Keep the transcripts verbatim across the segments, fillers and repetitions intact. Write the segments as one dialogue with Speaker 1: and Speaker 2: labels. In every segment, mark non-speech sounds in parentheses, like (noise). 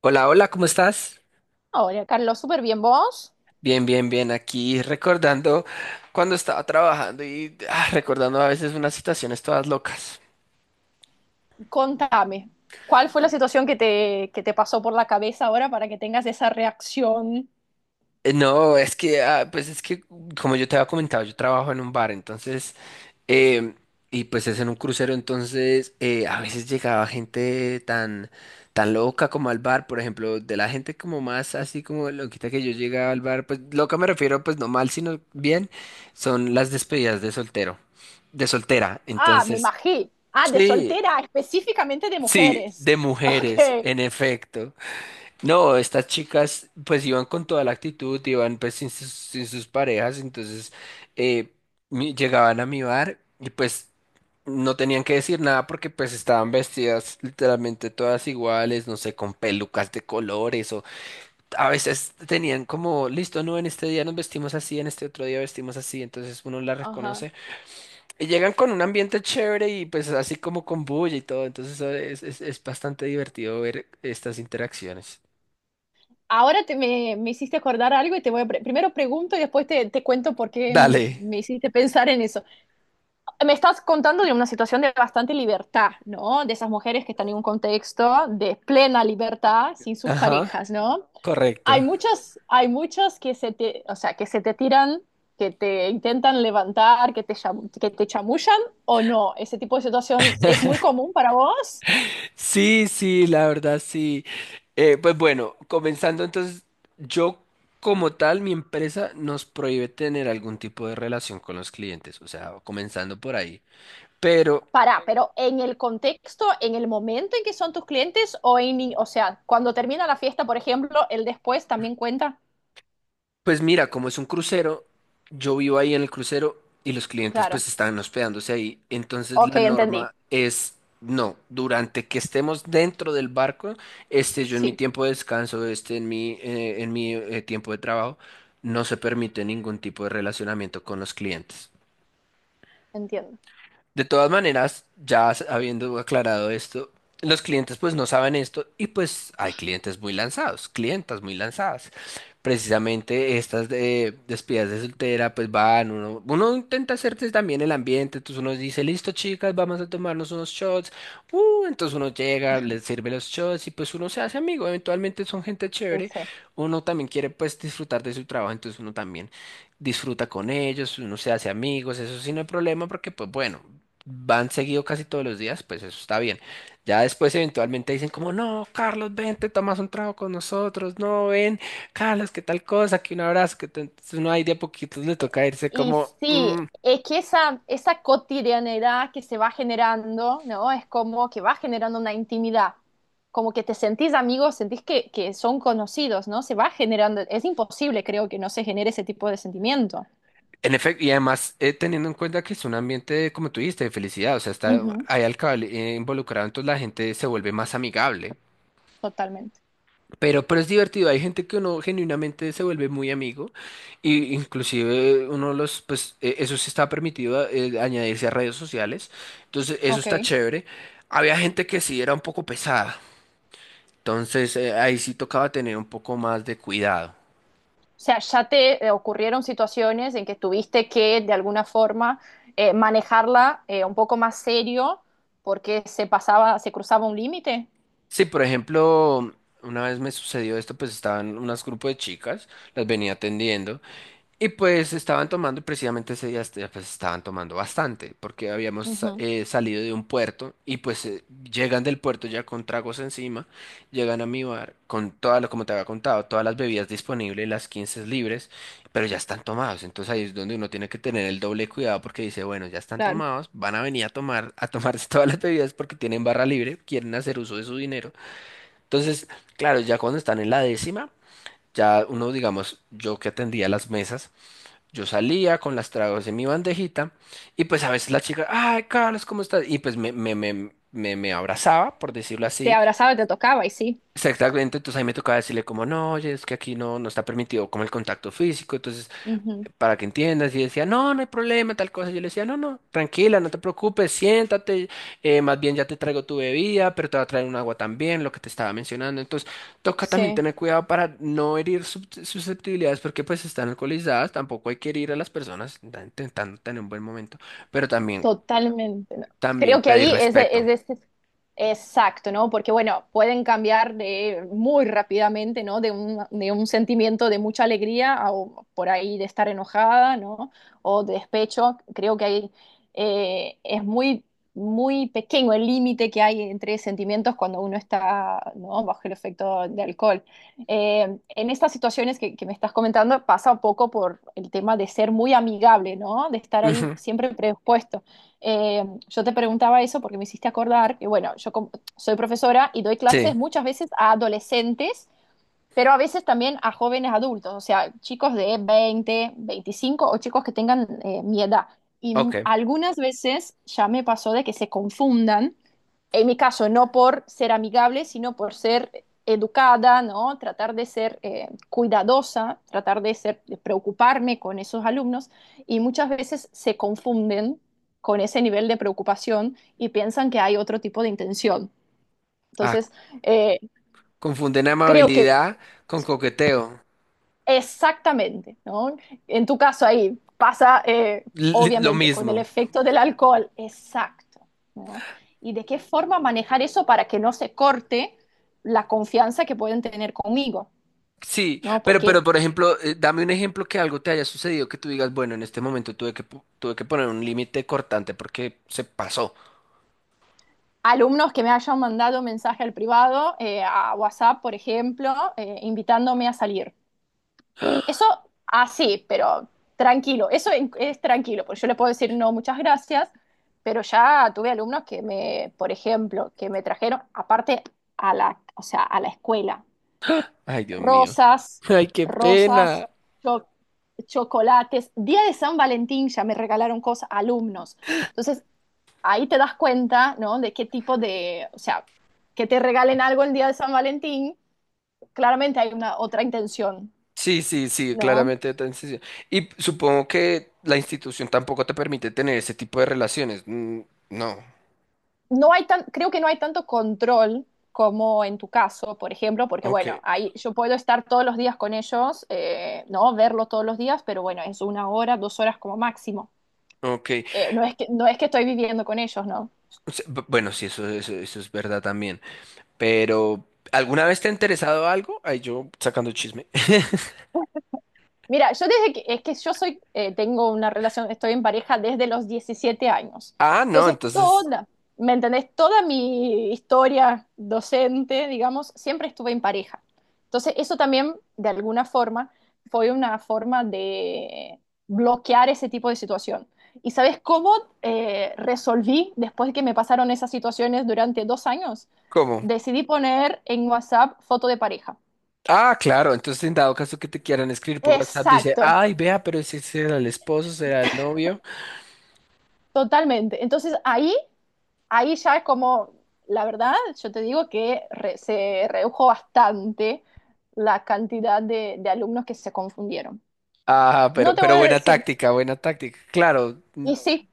Speaker 1: Hola, hola, ¿cómo estás?
Speaker 2: Hola, Carlos, súper bien. ¿Vos?
Speaker 1: Bien, bien, bien. Aquí recordando cuando estaba trabajando y ah, recordando a veces unas situaciones todas locas.
Speaker 2: Contame, ¿cuál fue la situación que te, que te pasó por la cabeza ahora para que tengas esa reacción?
Speaker 1: Eh, No, es que, ah, pues es que, como yo te había comentado, yo trabajo en un bar, entonces, em, y pues es en un crucero, entonces eh, a veces llegaba gente tan, tan loca como al bar, por ejemplo, de la gente como más así como loquita que yo llegaba al bar, pues loca me refiero, pues no mal, sino bien, son las despedidas de soltero de soltera.
Speaker 2: Ah, me
Speaker 1: Entonces
Speaker 2: imagino. Ah, de
Speaker 1: sí,
Speaker 2: soltera, específicamente de
Speaker 1: sí,
Speaker 2: mujeres.
Speaker 1: de
Speaker 2: (laughs) Ok.
Speaker 1: mujeres, en efecto. No, estas chicas pues iban con toda la actitud, iban pues sin sus, sin sus parejas, entonces eh, mi- llegaban a mi bar y pues no tenían que decir nada porque pues estaban vestidas literalmente todas iguales, no sé, con pelucas de colores o a veces tenían como, listo, no, en este día nos vestimos así, en este otro día vestimos así, entonces uno la
Speaker 2: Ajá.
Speaker 1: reconoce. Y llegan con un ambiente chévere y pues así como con bulla y todo. Entonces eso es, es, es bastante divertido ver estas interacciones.
Speaker 2: Ahora te, me, me hiciste acordar algo y te voy a... pre- primero pregunto y después te, te cuento por qué
Speaker 1: Dale.
Speaker 2: me hiciste pensar en eso. Me estás contando de una situación de bastante libertad, ¿no? De esas mujeres que están en un contexto de plena libertad sin sus
Speaker 1: Ajá.
Speaker 2: parejas, ¿no? Hay
Speaker 1: Correcto.
Speaker 2: muchos, hay muchos que se te, o sea, que se te tiran, que te intentan levantar, que te, cham- que te chamullan o no. Ese tipo de situación es muy común para vos.
Speaker 1: Sí, sí, la verdad sí. Eh, pues bueno, comenzando entonces, yo como tal, mi empresa nos prohíbe tener algún tipo de relación con los clientes, o sea, comenzando por ahí. Pero
Speaker 2: Para, pero en el contexto, en el momento en que son tus clientes o en, o sea, cuando termina la fiesta, por ejemplo, el después también cuenta.
Speaker 1: pues mira, como es un crucero, yo vivo ahí en el crucero y los clientes
Speaker 2: Claro.
Speaker 1: pues están hospedándose ahí. Entonces
Speaker 2: Ok,
Speaker 1: la
Speaker 2: entendí.
Speaker 1: norma es, no, durante que estemos dentro del barco, este, yo en mi
Speaker 2: Sí,
Speaker 1: tiempo de descanso, este, en mi, eh, en mi eh, tiempo de trabajo, no se permite ningún tipo de relacionamiento con los clientes.
Speaker 2: entiendo.
Speaker 1: De todas maneras, ya s- habiendo aclarado esto, los clientes pues no saben esto y pues hay clientes muy lanzados, clientas muy lanzadas. Precisamente estas de despedidas de soltera pues van, uno, uno intenta hacerse también el ambiente, entonces uno dice, listo chicas, vamos a tomarnos unos shots. Uh, entonces uno llega, les sirve los shots y pues uno se hace amigo, eventualmente son gente chévere,
Speaker 2: Ese.
Speaker 1: uno también quiere pues disfrutar de su trabajo, entonces uno también disfruta con ellos, uno se hace amigos, eso sí no hay problema porque pues bueno, van seguido casi todos los días, pues eso está bien. Ya después eventualmente dicen como, no, Carlos, ven, te tomas un trago con nosotros, no, ven, Carlos, qué tal cosa, que un abrazo, que te- entonces uno ahí de a poquitos le toca irse
Speaker 2: Y
Speaker 1: como,
Speaker 2: sí,
Speaker 1: "Mm".
Speaker 2: es que esa, esa cotidianidad que se va generando, ¿no? Es como que va generando una intimidad, como que te sentís amigos, sentís que, que son conocidos, ¿no? Se va generando, es imposible, creo, que no se genere ese tipo de sentimiento.
Speaker 1: En efecto, y además eh, teniendo en cuenta que es un ambiente, como tú dijiste, de felicidad, o sea, está
Speaker 2: Ujú,
Speaker 1: ahí al cabal eh, involucrado, entonces la gente se vuelve más amigable.
Speaker 2: totalmente.
Speaker 1: Pero, pero es divertido, hay gente que uno genuinamente se vuelve muy amigo y inclusive uno los, pues e- eso sí está permitido eh, añadirse a redes sociales, entonces eso
Speaker 2: Ok.
Speaker 1: está chévere. Había gente que sí era un poco pesada, entonces eh, ahí sí tocaba tener un poco más de cuidado.
Speaker 2: O sea, ya te eh, ocurrieron situaciones en que tuviste que, de alguna forma, eh, manejarla eh, un poco más serio porque se pasaba, se cruzaba un límite.
Speaker 1: Sí, por ejemplo, una vez me sucedió esto, pues estaban unos grupos de chicas, las venía atendiendo. Y pues estaban tomando, precisamente ese día este- pues estaban tomando bastante, porque habíamos sa-
Speaker 2: Ujú,
Speaker 1: eh, salido de un puerto y pues eh, llegan del puerto ya con tragos encima, llegan a mi bar con todas, lo- como te había contado, todas las bebidas disponibles, las quince libres, pero ya están tomados, entonces ahí es donde uno tiene que tener el doble cuidado porque dice, bueno, ya están
Speaker 2: claro.
Speaker 1: tomados, van a venir a tomar, a tomarse (laughs) todas las bebidas porque tienen barra libre, quieren hacer uso de su dinero. Entonces, claro, ya cuando están en la décima, ya uno, digamos, yo que atendía las mesas, yo salía con las tragos en mi bandejita y pues a veces la chica, ay, Carlos, ¿cómo estás? Y pues me, me, me, me, me abrazaba, por decirlo
Speaker 2: Te
Speaker 1: así.
Speaker 2: abrazaba, y te tocaba y sí.
Speaker 1: Exactamente, entonces ahí me tocaba decirle como, no, oye, es que aquí no, no está permitido como el contacto físico, entonces
Speaker 2: Ujú,
Speaker 1: para que entiendas. Y decía, no, no hay problema, tal cosa. Yo le decía, no, no, tranquila, no te preocupes, siéntate, eh, más bien ya te traigo tu bebida, pero te va a traer un agua también, lo que te estaba mencionando. Entonces, toca también
Speaker 2: sí,
Speaker 1: tener cuidado para no herir sus- susceptibilidades, porque pues están alcoholizadas, tampoco hay que herir a las personas, están intentando tener un buen momento, pero también,
Speaker 2: totalmente. ¿No?
Speaker 1: también
Speaker 2: Creo que
Speaker 1: pedir
Speaker 2: ahí es,
Speaker 1: respeto.
Speaker 2: es, es- exacto, ¿no? Porque, bueno, pueden cambiar de, muy rápidamente, ¿no? De un, de un sentimiento de mucha alegría a o por ahí de estar enojada, ¿no? O de despecho. Creo que ahí eh, es muy, muy pequeño el límite que hay entre sentimientos cuando uno está, ¿no? Bajo el efecto de alcohol. Eh, en estas situaciones que, que me estás comentando pasa un poco por el tema de ser muy amigable, ¿no? De estar ahí
Speaker 1: Ujú,
Speaker 2: siempre predispuesto. Eh, yo te preguntaba eso porque me hiciste acordar que, bueno, yo com- soy profesora y doy clases
Speaker 1: sí,
Speaker 2: muchas veces a adolescentes pero a veces también a jóvenes adultos, o sea, chicos de veinte veinticinco o chicos que tengan eh, mi edad. Y m-
Speaker 1: ok.
Speaker 2: algunas veces ya me pasó de que se confundan, en mi caso no por ser amigable, sino por ser educada, ¿no? Tratar de ser eh, cuidadosa, tratar de ser, de preocuparme con esos alumnos y muchas veces se confunden con ese nivel de preocupación y piensan que hay otro tipo de intención.
Speaker 1: Ah,
Speaker 2: Entonces, eh,
Speaker 1: confunden
Speaker 2: creo que
Speaker 1: amabilidad con coqueteo.
Speaker 2: exactamente, ¿no? En tu caso ahí pasa, eh,
Speaker 1: Li- li- lo
Speaker 2: obviamente, con el
Speaker 1: mismo.
Speaker 2: efecto del alcohol, exacto, ¿no? ¿Y de qué forma manejar eso para que no se corte la confianza que pueden tener conmigo,
Speaker 1: Sí,
Speaker 2: ¿no?
Speaker 1: pero,
Speaker 2: Porque
Speaker 1: pero por ejemplo, eh, dame un ejemplo que algo te haya sucedido que tú digas, bueno, en este momento tuve que, pu- tuve que poner un límite cortante porque se pasó.
Speaker 2: alumnos que me hayan mandado mensaje al privado, eh, a WhatsApp, por ejemplo, eh, invitándome a salir. Eso, así, pero tranquilo, eso en- es tranquilo, porque yo le puedo decir no, muchas gracias, pero ya tuve alumnos que me, por ejemplo, que me trajeron, aparte a la, o sea, a la escuela,
Speaker 1: Ay, Dios mío.
Speaker 2: rosas,
Speaker 1: (laughs) Ay, qué
Speaker 2: rosas,
Speaker 1: pena.
Speaker 2: cho- chocolates, día de San Valentín ya me regalaron cosas, alumnos. Entonces, ahí te das cuenta, ¿no? De qué tipo de, o sea, que te regalen algo el día de San Valentín, claramente hay una otra intención,
Speaker 1: Sí, sí, sí,
Speaker 2: ¿no?
Speaker 1: claramente otra institución. Y supongo que la institución tampoco te permite tener ese tipo de relaciones. Mm, no.
Speaker 2: No hay tan, creo que no hay tanto control como en tu caso, por ejemplo, porque
Speaker 1: Ok,
Speaker 2: bueno, ahí yo puedo estar todos los días con ellos, eh, no verlos todos los días, pero bueno, es una hora, dos horas como máximo.
Speaker 1: ok.
Speaker 2: Eh, no es que, no es que estoy viviendo con ellos, ¿no?
Speaker 1: O sea, b- bueno, sí, eso, eso, eso es verdad también. Pero, ¿alguna vez te ha interesado algo? Ay, yo sacando chisme. (laughs)
Speaker 2: Mira, yo desde que, es que yo soy, eh, tengo una relación, estoy en pareja desde los diecisiete años.
Speaker 1: Ah, no,
Speaker 2: Entonces,
Speaker 1: entonces,
Speaker 2: toda, ¿me entendés? Toda mi historia docente, digamos, siempre estuve en pareja. Entonces, eso también, de alguna forma, fue una forma de bloquear ese tipo de situación. ¿Y sabes cómo eh, resolví después que me pasaron esas situaciones durante dos años?
Speaker 1: ¿cómo?
Speaker 2: Decidí poner en WhatsApp foto de pareja.
Speaker 1: Ah, claro, entonces en dado caso que te quieran escribir por WhatsApp, dice,
Speaker 2: Exacto,
Speaker 1: ay, vea, pero ese será el esposo, será el novio.
Speaker 2: totalmente. Entonces ahí ahí ya es como, la verdad, yo te digo que re- se redujo bastante la cantidad de, de alumnos que se confundieron.
Speaker 1: Ah,
Speaker 2: No
Speaker 1: pero,
Speaker 2: te
Speaker 1: pero
Speaker 2: voy a
Speaker 1: buena
Speaker 2: decir,
Speaker 1: táctica, buena táctica. Claro. Mm,
Speaker 2: y sí,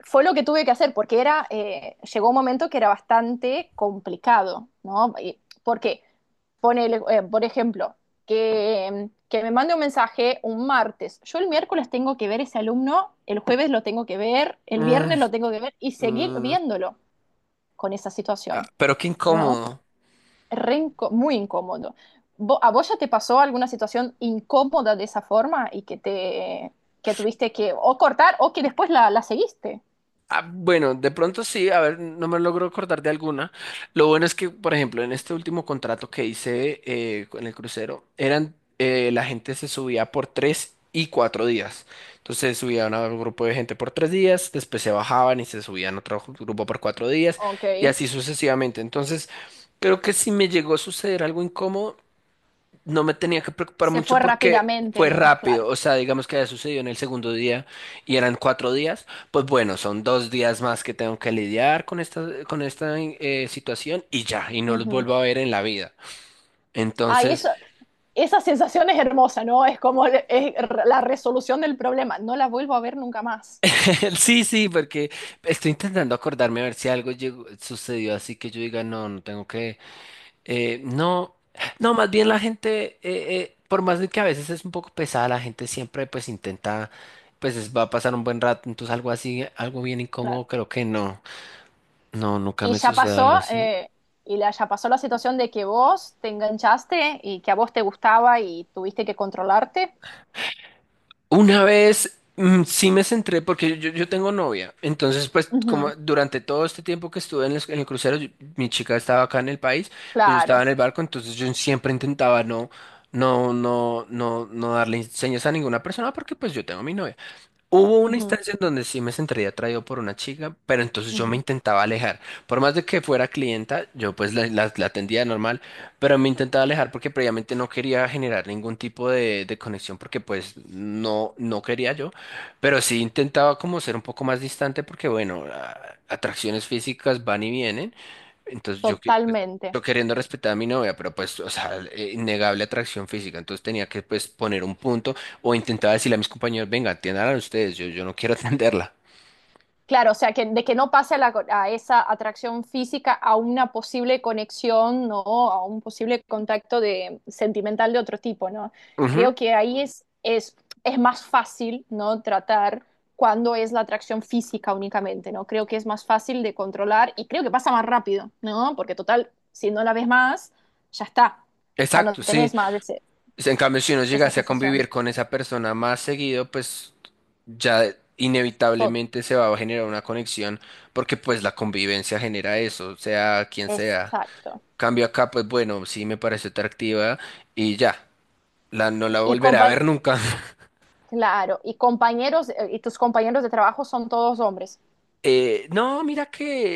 Speaker 2: fue lo que tuve que hacer, porque era, eh, llegó un momento que era bastante complicado, ¿no? Y- Porque, ponele, eh, por ejemplo, que, que me mande un mensaje un martes, yo el miércoles tengo que ver ese alumno, el jueves lo tengo que ver, el
Speaker 1: mm,
Speaker 2: viernes lo tengo que ver y seguir
Speaker 1: mm,
Speaker 2: viéndolo con esa
Speaker 1: ah,
Speaker 2: situación,
Speaker 1: pero qué
Speaker 2: ¿no?
Speaker 1: incómodo.
Speaker 2: Re inco- muy incómodo. Vo- ¿A vos ya te pasó alguna situación incómoda de esa forma y que te que tuviste que o cortar o que después la, la seguiste?
Speaker 1: Ah, bueno, de pronto sí, a ver, no me logro acordar de alguna. Lo bueno es que, por ejemplo, en este último contrato que hice eh, en el crucero, eran eh, la gente se subía por tres y cuatro días. Entonces subían a un grupo de gente por tres días, después se bajaban y se subían a otro grupo por cuatro días
Speaker 2: Ok.
Speaker 1: y así sucesivamente. Entonces, creo que si me llegó a suceder algo incómodo, no me tenía que preocupar
Speaker 2: Se
Speaker 1: mucho
Speaker 2: fue
Speaker 1: porque
Speaker 2: rápidamente,
Speaker 1: fue
Speaker 2: ¿no?
Speaker 1: rápido,
Speaker 2: Claro.
Speaker 1: o sea, digamos que haya sucedido en el segundo día y eran cuatro días, pues bueno, son dos días más que tengo que lidiar con esta, con esta eh, situación y ya, y no los
Speaker 2: Ujú.
Speaker 1: vuelvo a ver en la vida.
Speaker 2: Ay,
Speaker 1: Entonces,
Speaker 2: eso, esa sensación es hermosa, ¿no? Es como le- es r- la resolución del problema. No la vuelvo a ver nunca más.
Speaker 1: (laughs) sí, sí, porque estoy intentando acordarme a ver si algo llegó- sucedió así que yo diga, no, no tengo que. Eh, no, no, más bien la gente, eh, eh, por más de que a veces es un poco pesada, la gente siempre pues intenta, pues es- va a pasar un buen rato, entonces algo así, algo bien
Speaker 2: Claro.
Speaker 1: incómodo, creo que no, no, nunca
Speaker 2: Y
Speaker 1: me
Speaker 2: ya
Speaker 1: sucedió algo
Speaker 2: pasó,
Speaker 1: así.
Speaker 2: eh, y la, ya pasó la situación de que vos te enganchaste y que a vos te gustaba y tuviste que controlarte.
Speaker 1: Una vez mm, sí me centré, porque yo, yo tengo novia, entonces pues
Speaker 2: Ujú.
Speaker 1: como durante todo este tiempo que estuve en, los- en el crucero, yo- mi chica estaba acá en el país, pues yo estaba
Speaker 2: Claro.
Speaker 1: en el barco, entonces yo siempre intentaba no, no, no, no, no darle señas a ninguna persona porque pues yo tengo mi novia. Hubo una
Speaker 2: Ujú,
Speaker 1: instancia en donde sí me sentiría atraído por una chica, pero entonces yo me
Speaker 2: ujú.
Speaker 1: intentaba alejar. Por más de que fuera clienta, yo pues la, la- la atendía normal, pero me intentaba alejar porque previamente no quería generar ningún tipo de, de conexión porque pues no, no quería yo, pero sí intentaba como ser un poco más distante porque bueno, a- atracciones físicas van y vienen. Entonces yo, que- pues,
Speaker 2: Totalmente.
Speaker 1: yo queriendo respetar a mi novia, pero pues, o sea, eh, innegable atracción física. Entonces tenía que pues poner un punto o intentaba decirle a mis compañeros, venga, atiendan ustedes, yo, yo no quiero (laughs) atenderla.
Speaker 2: Claro, o sea, que, de que no pase a, la co- a esa atracción física a una posible conexión, ¿no? A un posible contacto de, sentimental de otro tipo, ¿no?
Speaker 1: Ujú,
Speaker 2: Creo que ahí es, es, es más fácil, ¿no? Tratar cuando es la atracción física únicamente, ¿no? Creo que es más fácil de controlar y creo que pasa más rápido, ¿no? Porque total, si no la ves más, ya está, ya no
Speaker 1: exacto, sí.
Speaker 2: tenés más ese-
Speaker 1: En cambio, si uno
Speaker 2: esa
Speaker 1: llegase a
Speaker 2: sensación.
Speaker 1: convivir con esa persona más seguido, pues ya
Speaker 2: Tot-
Speaker 1: inevitablemente se va a generar una conexión porque pues la convivencia genera eso, sea quien sea.
Speaker 2: Exacto.
Speaker 1: Cambio acá, pues bueno, sí me pareció atractiva y ya, la, no la
Speaker 2: Y,
Speaker 1: volveré a
Speaker 2: compa-
Speaker 1: ver nunca.
Speaker 2: Claro, y compañeros, eh, y tus compañeros de trabajo son todos hombres,
Speaker 1: Eh, no, mira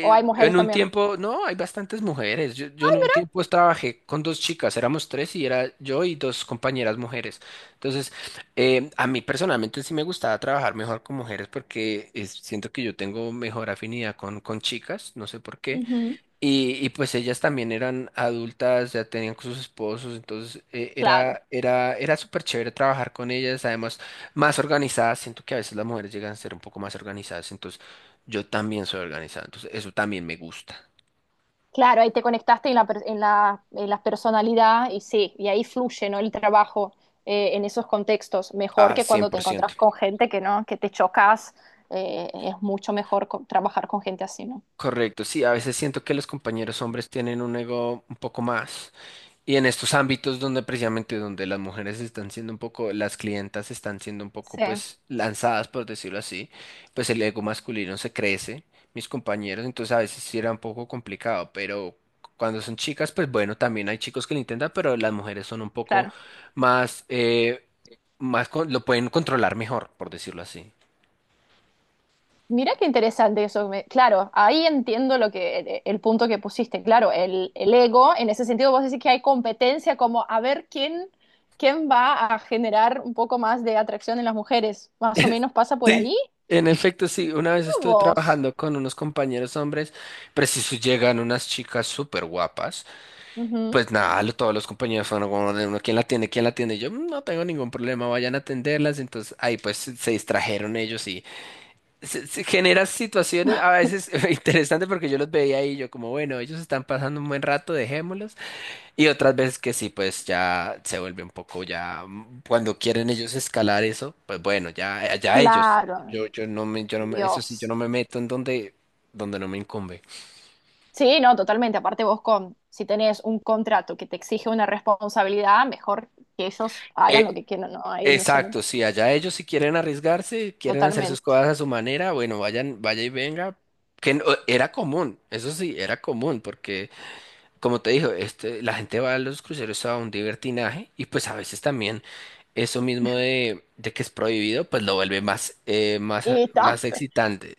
Speaker 2: o hay mujeres
Speaker 1: en un
Speaker 2: también.
Speaker 1: tiempo, no, hay bastantes mujeres. Yo, yo en un tiempo trabajé con dos chicas, éramos tres y era yo y dos compañeras mujeres. Entonces, eh, a mí personalmente sí me gustaba trabajar mejor con mujeres porque es- siento que yo tengo mejor afinidad con, con chicas, no sé por qué.
Speaker 2: Ujú,
Speaker 1: Y, y pues ellas también eran adultas, ya tenían con sus esposos, entonces eh,
Speaker 2: claro,
Speaker 1: era, era, era súper chévere trabajar con ellas, además más organizadas, siento que a veces las mujeres llegan a ser un poco más organizadas, entonces yo también soy organizada, entonces eso también me gusta,
Speaker 2: claro, ahí te conectaste en la, per- en la, en la personalidad y sí, y ahí fluye, ¿no? El trabajo eh, en esos contextos, mejor
Speaker 1: a
Speaker 2: que cuando
Speaker 1: ciento.
Speaker 2: te encontrás con gente que no, que te chocas, eh, es mucho mejor co- trabajar con gente así, ¿no?
Speaker 1: Correcto, sí, a veces siento que los compañeros hombres tienen un ego un poco más. Y en estos ámbitos donde precisamente donde las mujeres están siendo un poco, las clientas están siendo un poco
Speaker 2: Sí,
Speaker 1: pues lanzadas, por decirlo así, pues el ego masculino se crece, mis compañeros, entonces a veces sí era un poco complicado, pero cuando son chicas, pues bueno, también hay chicos que lo intentan, pero las mujeres son un poco
Speaker 2: claro.
Speaker 1: más, eh, más con- lo pueden controlar mejor, por decirlo así.
Speaker 2: Mirá qué interesante eso. me- Claro, ahí entiendo lo que el, el punto que pusiste. Claro, el, el ego, en ese sentido, vos decís que hay competencia como a ver quién, quién va a generar un poco más de atracción en las mujeres. Más o
Speaker 1: (laughs)
Speaker 2: menos pasa por
Speaker 1: Sí,
Speaker 2: ahí.
Speaker 1: en efecto, sí. Una vez
Speaker 2: ¿No?
Speaker 1: estuve
Speaker 2: Vos.
Speaker 1: trabajando con unos compañeros hombres, preciso llegan unas chicas súper guapas.
Speaker 2: Ujú.
Speaker 1: Pues nada, lo- todos los compañeros fueron como, de uno, ¿quién la atiende? ¿Quién la atiende? Y yo "Mm, no tengo ningún problema, vayan a atenderlas. Entonces ahí pues se se distrajeron ellos y se, se genera situaciones a veces (laughs) interesantes porque yo los veía ahí y yo como, bueno, ellos están pasando un buen rato, dejémoslos. Y otras veces que sí, pues ya se vuelve un poco ya, mm, cuando quieren ellos escalar eso, pues bueno, ya, ya ellos.
Speaker 2: Claro,
Speaker 1: Yo, yo no me, yo no me- eso sí, yo
Speaker 2: Dios.
Speaker 1: no me meto en donde, donde no me incumbe.
Speaker 2: Sí, no, totalmente. Aparte vos con, si tenés un contrato que te exige una responsabilidad, mejor que ellos hagan lo
Speaker 1: Eh,
Speaker 2: que quieran. No, ahí no se
Speaker 1: Exacto,
Speaker 2: mete.
Speaker 1: sí, allá ellos si quieren arriesgarse, quieren hacer sus
Speaker 2: Totalmente.
Speaker 1: cosas a su manera, bueno, vayan, vaya y venga. Que no- era común, eso sí, era común, porque como te digo, este, la gente va a los cruceros a un divertinaje y pues a veces también eso mismo de, de que es prohibido, pues lo vuelve más, eh, más,
Speaker 2: Y ta-
Speaker 1: más excitante.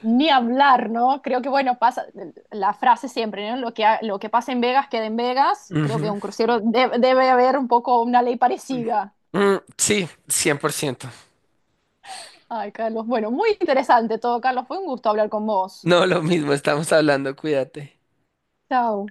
Speaker 2: Ni hablar, ¿no? Creo que, bueno, pasa la frase siempre, ¿no? Lo que, ha- lo que pasa en Vegas queda en Vegas. Creo que
Speaker 1: Ujú.
Speaker 2: un crucero de- debe haber un poco una ley parecida.
Speaker 1: Mm, sí, cien por ciento.
Speaker 2: Ay, Carlos, bueno, muy interesante todo, Carlos. Fue un gusto hablar con vos.
Speaker 1: No, lo mismo, estamos hablando, cuídate.
Speaker 2: Chao.